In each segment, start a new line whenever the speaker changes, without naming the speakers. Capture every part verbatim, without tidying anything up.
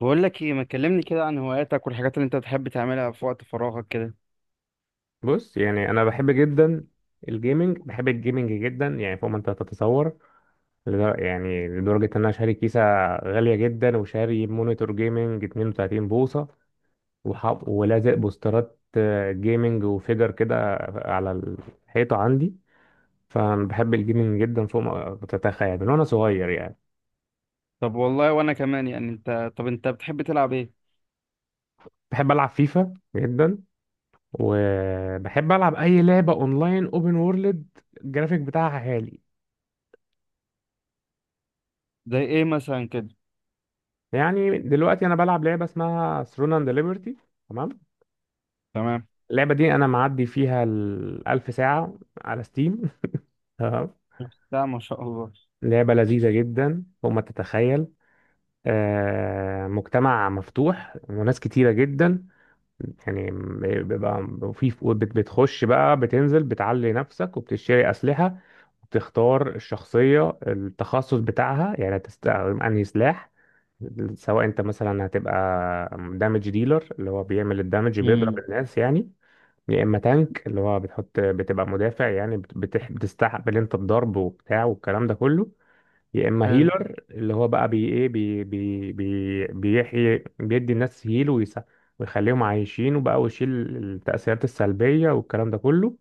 بقول لك ايه، ما تكلمني كده عن هواياتك والحاجات اللي انت بتحب تعملها في وقت فراغك كده؟
بص، يعني انا بحب جدا الجيمنج. بحب الجيمنج جدا يعني فوق ما انت تتصور. لدر- يعني لدرجة ان انا شاري كيسة غالية جدا، وشاري مونيتور جيمنج 32 بوصة، وحاط ولازق بوسترات آه، جيمنج وفيجر كده على الحيطة عندي. فبحب الجيمنج جدا فوق ما تتخيل من وانا صغير يعني.
طب والله وانا كمان. يعني انت طب انت بتحب تلعب ايه؟
بحب العب فيفا جدا، وبحب العب اي لعبة اونلاين اوبن وورلد الجرافيك بتاعها عالي.
زي ايه مثلا كده؟
يعني دلوقتي انا بلعب لعبه اسمها ثرون اند ليبرتي. تمام.
تمام.
اللعبه دي انا معدي فيها الألف ساعه على ستيم تمام.
لا ما شاء الله.
لعبه لذيذه جدا فوق ما تتخيل. آه، مجتمع مفتوح وناس كتيره جدا يعني. بيبقى في، بتخش بقى بتنزل بتعلي نفسك، وبتشتري اسلحه، وبتختار الشخصيه التخصص بتاعها، يعني هتستخدم انهي سلاح. سواء انت مثلا هتبقى دامج ديلر، اللي هو بيعمل الدامج بيضرب
امم.
الناس يعني. يا اما تانك، اللي هو بتحط بتبقى مدافع، يعني بت- بتح... بتستقبل انت الضرب وبتاع والكلام ده كله. يا اما
حلو.
هيلر، اللي هو بقى بي ايه بي بي بي بيحيي بيدي الناس هيل ويس... ويخليهم عايشين، وبقى ويشيل التأثيرات السلبية والكلام ده كله.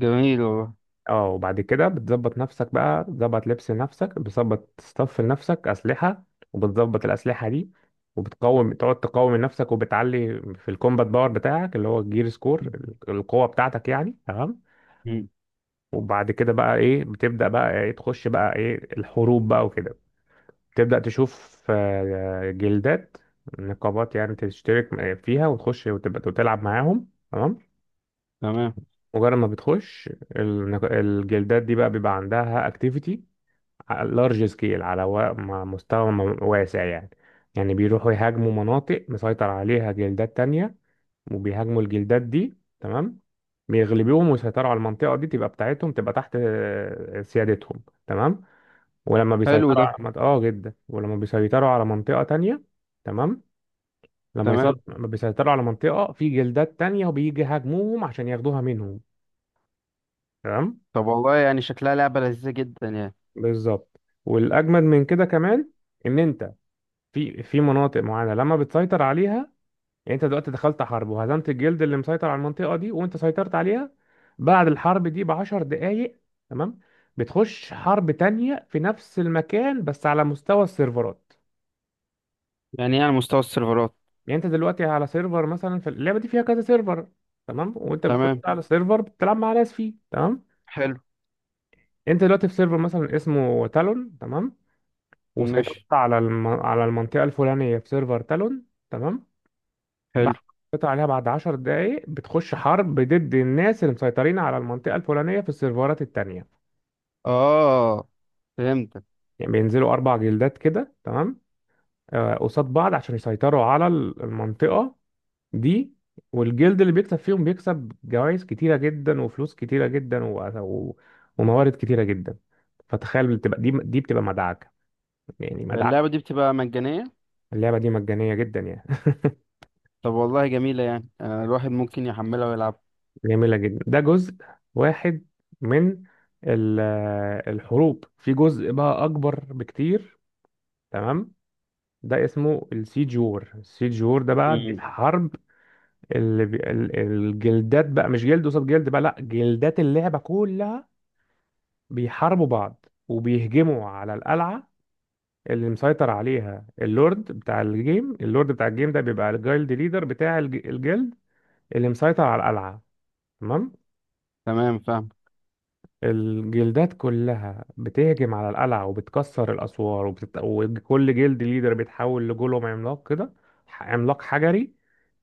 جميل والله.
اه، وبعد كده بتظبط نفسك بقى، بتظبط لبس لنفسك، بتظبط ستاف لنفسك أسلحة، وبتظبط الأسلحة دي، وبتقوم تقعد تقوم من نفسك، وبتعلي في الكومبات باور بتاعك اللي هو الجير سكور، القوة بتاعتك يعني. تمام.
مم.
وبعد كده بقى ايه، بتبدأ بقى ايه تخش بقى ايه الحروب بقى وكده. تبدأ تشوف آه، جلدات، نقابات يعني تشترك فيها وتخش وتبقى وتلعب معاهم. تمام.
تمام.
مجرد ما بتخش، النق- الجلدات دي بقى بيبقى عندها اكتيفيتي لارج سكيل على و- م- مستوى م- واسع يعني. يعني بيروحوا يهاجموا مناطق مسيطر عليها جلدات تانية، وبيهاجموا الجلدات دي. تمام. بيغلبوهم ويسيطروا على المنطقة دي، تبقى بتاعتهم، تبقى تحت آه، سيادتهم. تمام. ولما
حلو
بيسيطروا
ده.
على مط- اه جدا، ولما بيسيطروا على منطقة تانية. تمام. لما
تمام.
يسيطروا، لما بيسيطروا على منطقة آه، في جلدات تانية، وبيجي يهاجموهم عشان ياخدوها منهم. تمام.
طب والله يعني شكلها لعبة لذيذة جدا يعني.
بالظبط. والأجمد من كده كمان، إن أنت في في مناطق معينه لما بتسيطر عليها. يعني انت دلوقتي دخلت حرب، وهزمت الجلد اللي مسيطر على المنطقه دي، وانت سيطرت عليها. بعد الحرب دي بعشر دقايق، تمام، بتخش حرب تانية في نفس المكان، بس على مستوى السيرفرات.
يعني ايه على مستوى السيرفرات؟
يعني انت دلوقتي على سيرفر، مثلا في اللعبه دي فيها كذا سيرفر. تمام. وانت بتخش
تمام.
على سيرفر بتلعب مع ناس فيه. تمام.
حلو.
انت دلوقتي في سيرفر مثلا اسمه تالون. تمام. وسيطرت
ماشي.
على الم... على المنطقه الفلانيه في سيرفر تالون. تمام. بعد
حلو.
قطع عليها، بعد عشر دقايق بتخش حرب ضد الناس اللي مسيطرين على المنطقة الفلانية في السيرفرات التانية.
اه، فهمتك.
يعني بينزلوا أربع جلدات كده. تمام. آه، قصاد بعض عشان يسيطروا على ال- المنطقة دي. والجلد اللي بيكسب فيهم بيكسب جوائز كتيرة جدا، وفلوس كتيرة جدا، و... و... وموارد كتيرة جدا. فتخيل بتبقى دي دي بتبقى مدعكة، يعني مدعكة.
اللعبة دي بتبقى مجانية؟
اللعبة دي مجانية جدا يعني.
طب والله جميلة يعني، آه، الواحد ممكن يحملها
جميلة جدا. ده جزء واحد من ال- الحروب. في جزء بقى أكبر بكتير. تمام. ده اسمه السيج وور. السيج وور ده بقى دي
ويلعبها.
الحرب اللي بي... ال- الجلدات بقى مش جلد قصاد جلد بقى، لا جلدات اللعبة كلها بيحاربوا بعض، وبيهجموا على القلعة اللي مسيطر عليها اللورد بتاع الجيم. اللورد بتاع الجيم ده بيبقى الجايلد ليدر بتاع الج- الجلد اللي مسيطر على القلعة. تمام.
تمام، فاهم.
الجلدات كلها بتهجم على القلعة، وبتكسر الأسوار، وبتت... وكل جلد ليدر بيتحول لجولوم عملاق كده، ح- عملاق حجري،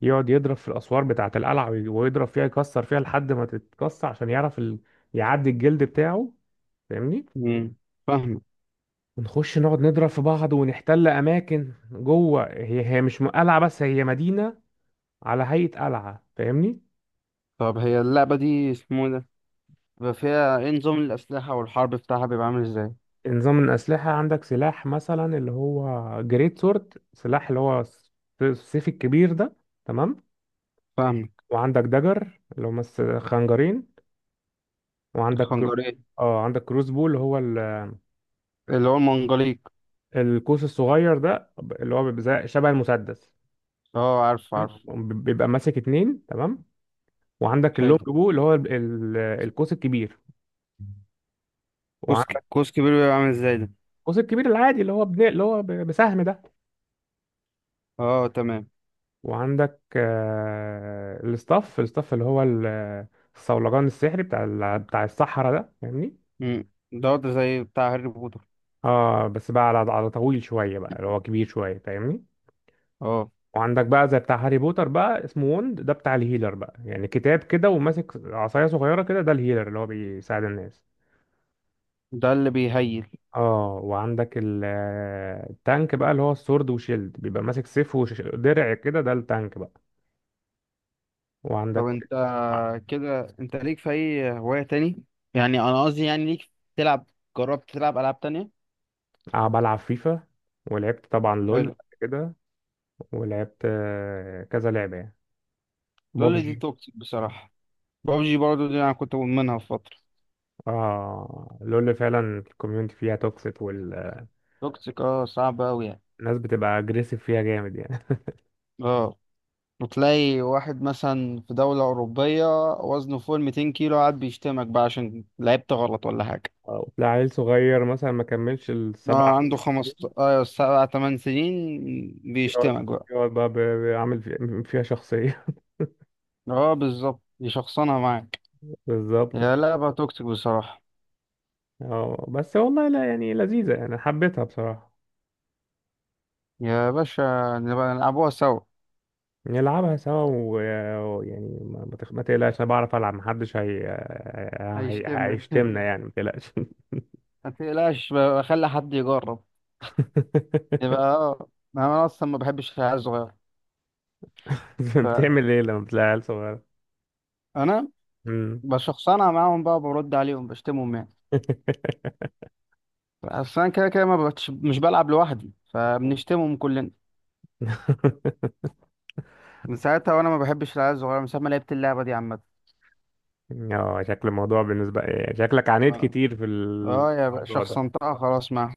يقعد يضرب في الأسوار بتاعة القلعة، وي- ويضرب فيها يكسر فيها لحد ما تتكسر، عشان يعرف ال... يعدي الجلد بتاعه. فاهمني؟
مم. فاهم.
ونخش نقعد نضرب في بعض، ونحتل أماكن جوه. هي هي مش م- قلعة بس، هي مدينة على هيئة قلعة. فاهمني؟
طب هي اللعبة دي اسمه إيه ده؟ بيبقى فيها ايه نظام الأسلحة والحرب بتاعها بيبقى عامل ازاي؟
نظام الأسلحة: عندك سلاح مثلا اللي هو جريت سورد، سلاح اللي هو الس- السيف الكبير ده. تمام.
فاهمك.
وعندك دجر، اللي هم الس- خنجرين. وعندك كرو-
الخنجرية.
اه، عندك كروس بو اللي هو ال-
اللي هو المنجليق.
القوس الصغير ده، اللي هو بيبقى زي- شبه المسدس.
اه، عارف عارف.
تمام. وب- بيبقى ماسك اتنين. تمام. وعندك اللونج
حلو.
بو اللي هو ال- ال- القوس الكبير.
كوس ك-
وعندك
كوس كبير بيبقى عامل ازاي ده؟
القوس الكبير العادي اللي هو بن... اللي هو ب- بسهم ده.
اه تمام.
وعندك آه، الستاف، الستاف اللي هو ال- الصولجان السحري بتاع ال- بتاع الصحراء ده. فاهمني؟
مم. ده ده زي بتاع هاري بوتر.
اه بس بقى على، على طويل شويه بقى اللي هو كبير شويه، فاهمني؟
اه.
وعندك بقى زي بتاع هاري بوتر بقى اسمه وند، ده بتاع الهيلر بقى، يعني كتاب كده وماسك عصايه صغيره كده، ده الهيلر اللي هو بيساعد الناس.
ده اللي بيهيل.
اه، وعندك ال- آه، التانك بقى اللي هو السورد وشيلد، بيبقى ماسك سيف ودرع كده، ده التانك بقى.
طب
وعندك
انت، كده انت ليك في اي هواية تاني؟ يعني انا قصدي، يعني ليك تلعب، جربت تلعب ألعاب تانية؟
ع- بلعب فيفا. ولعبت طبعا لول
حلو.
قبل كده. ولعبت آه، كذا لعبة يعني.
لول دي
بابجي.
توكسيك بصراحة. بابجي برضه دي انا كنت مدمنها في فترة.
اه، لول فعلا الكوميونتي فيها توكسيك، والناس
توكسيك اه صعب أوي يعني.
بتبقى اجريسيف فيها جامد يعني.
اه، وتلاقي واحد مثلا في دولة أوروبية وزنه فوق ال مئتين كيلو قاعد بيشتمك بقى عشان لعبت غلط ولا حاجة.
آه، تلاقي عيل صغير مثلا ما كملش السبع
اه، عنده خمس
سنين،
اه سبع تمن سنين،
يقعد
بيشتمك بقى.
يقعد بقى ب- بيعمل في- فيها شخصية.
اه، بالظبط يشخصنها معاك.
بالظبط.
يا لعبة توكسيك بصراحة.
اه بس والله لا، يعني لذيذة يعني، حبيتها بصراحة.
يا باشا، نبقى نلعبوها سوا.
نلعبها سوا و- ويعني ما ما تخ- ما تقلقش انا بعرف العب، محدش هي... هي...
هيشتمنا
هيشتمنا يعني، ما تقلقش.
ما تقلقش بقى، اخلي حد يجرب. يبقى اه. انا اصلا ما بحبش العيال الصغيرة.
بتعمل ايه لما بتلاقي عيل صغير؟
فانا
مم.
بشخصنها معاهم بقى، برد عليهم بشتمهم يعني. بس انا كده كده ما بتش... مش بلعب لوحدي، فبنشتمهم كلنا. من ساعتها وانا ما بحبش العيال الصغيره، من ساعه ما لعبت اللعبه دي عامه.
اه، شكل الموضوع بالنسبة إيه، شكلك عانيت
اه
كتير في
اه، يا بقى
الموضوع ده.
شخصنتها خلاص معاهم.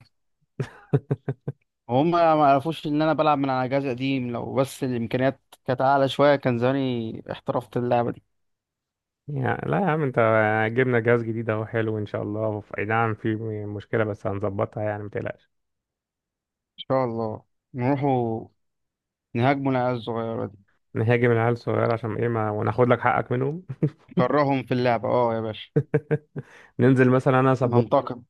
وهم ما عرفوش ان انا بلعب من على جهاز قديم. لو بس الامكانيات كانت اعلى شويه كان زماني احترفت اللعبه دي.
يعني لا يا عم انت، جبنا جهاز جديد اهو حلو ان شاء الله. اي نعم في مشكلة بس هنظبطها يعني، ما تقلقش.
ان شاء الله. نروحوا نهاجموا العيال الصغيره دي.
نهاجم العيال الصغيرة عشان ايه، ما وناخد لك حقك منهم.
نكرههم في اللعبه، اه يا باشا.
ننزل مثلا انا سبورت.
ننتقم،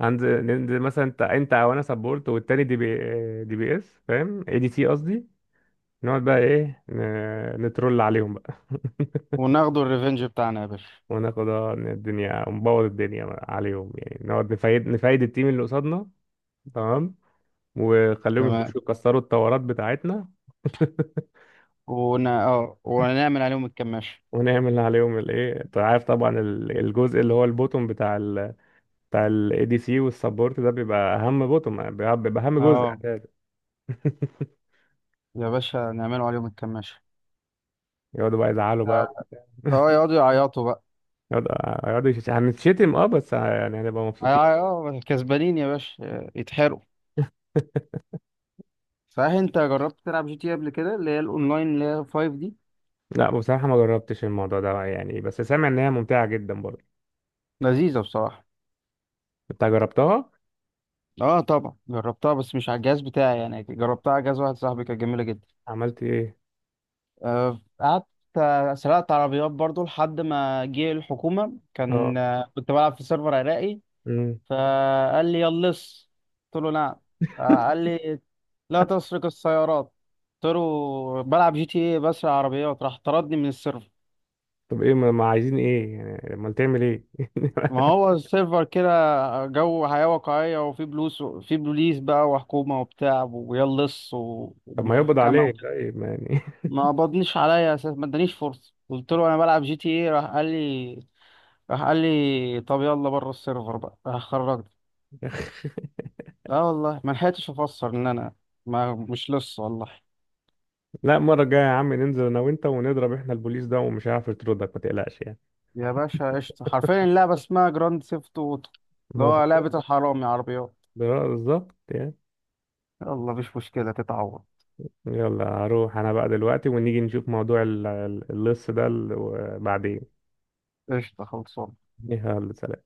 هنزل ننزل مثلا انت، انت او انا سبورت، والتاني دي بي، دي بي اس، فاهم، اي دي سي قصدي. نقعد بقى ايه ن- نترول عليهم بقى.
وناخدوا الريفنج بتاعنا يا باشا.
وناخد اه إن الدنيا ونبوظ الدنيا عليهم يعني، نقعد نفايد نفايد التيم اللي قصادنا. تمام. وخليهم
تمام.
يخشوا يكسروا الطورات بتاعتنا.
ون... اه ونعمل عليهم الكماشة.
ونعمل عليهم الايه، انت عارف طبعا ال- الجزء اللي هو البوتوم بتاع ال، بتاع الاي دي سي والسبورت ده، بيبقى اهم بوتوم، بيبقى بيبقى اهم جزء
اه
اساسا.
يا باشا، نعملوا عليهم الكماشة.
يقعدوا بقى يزعلوا بقى.
اه، آه، يقعدوا يعيطوا بقى.
يقعدوا يقعدوا يش- هنتشتم اه، بس يعني هنبقى مبسوطين.
هيع- اه آه، كسبانين يا باشا، آه، يتحرقوا. صحيح، انت جربت تلعب جي تي قبل كده؟ اللي هي الاونلاين اللي هي فايف دي.
لا بصراحة ما جربتش الموضوع ده يعني، بس سامع ان هي ممتعة جدا برضه.
لذيذه بصراحه.
انت جربتها؟
اه طبعا جربتها، بس مش على الجهاز بتاعي يعني، جربتها على جهاز واحد صاحبي، كانت جميله جدا.
عملت ايه؟
آه، قعدت، آه، سرقت عربيات برضو لحد ما جه الحكومه،
اه.
كان آه، كنت بلعب في سيرفر عراقي.
امم.
فقال لي: يا اللص. قلت له: نعم. قال لي: لا تسرق السيارات. قلت له: بلعب جي تي ايه، بسرق عربيات. راح طردني من السيرفر.
طب ايه، ما ما عايزين ايه يعني؟ امال تعمل ايه؟
ما هو السيرفر كده، جو حياة واقعية، وفي بلوس في بوليس بقى وحكومة وبتاع ويا اللص و-
طب ما يقبض
ومحكمة
عليك
وكده.
طيب، ما يعني.
ما قبضنيش عليا اساس، ما ادانيش فرصة، قلت له انا بلعب جي تي ايه، راح قال لي راح قال لي: طب يلا بره السيرفر بقى. راح خرجني. لا والله ما لحقتش افسر ان انا ما مش لص والله.
لا، المره الجايه يا عم ننزل انا وانت ونضرب احنا البوليس ده، ومش هيعرف يطردك ما تقلقش يعني.
يا باشا قشطة. حرفيا اللعبة اسمها جراند سيفت اوتو، اللي
ما
هو
بالظبط.
لعبة الحرامي عربيات.
آه، بالظبط يعني.
يلا مفيش مشكلة، تتعوض.
يلا هروح انا بقى دلوقتي، ونيجي نشوف موضوع ال- ال- اللص ده ال- بعدين.
قشطة خلصان.
يلا، سلام.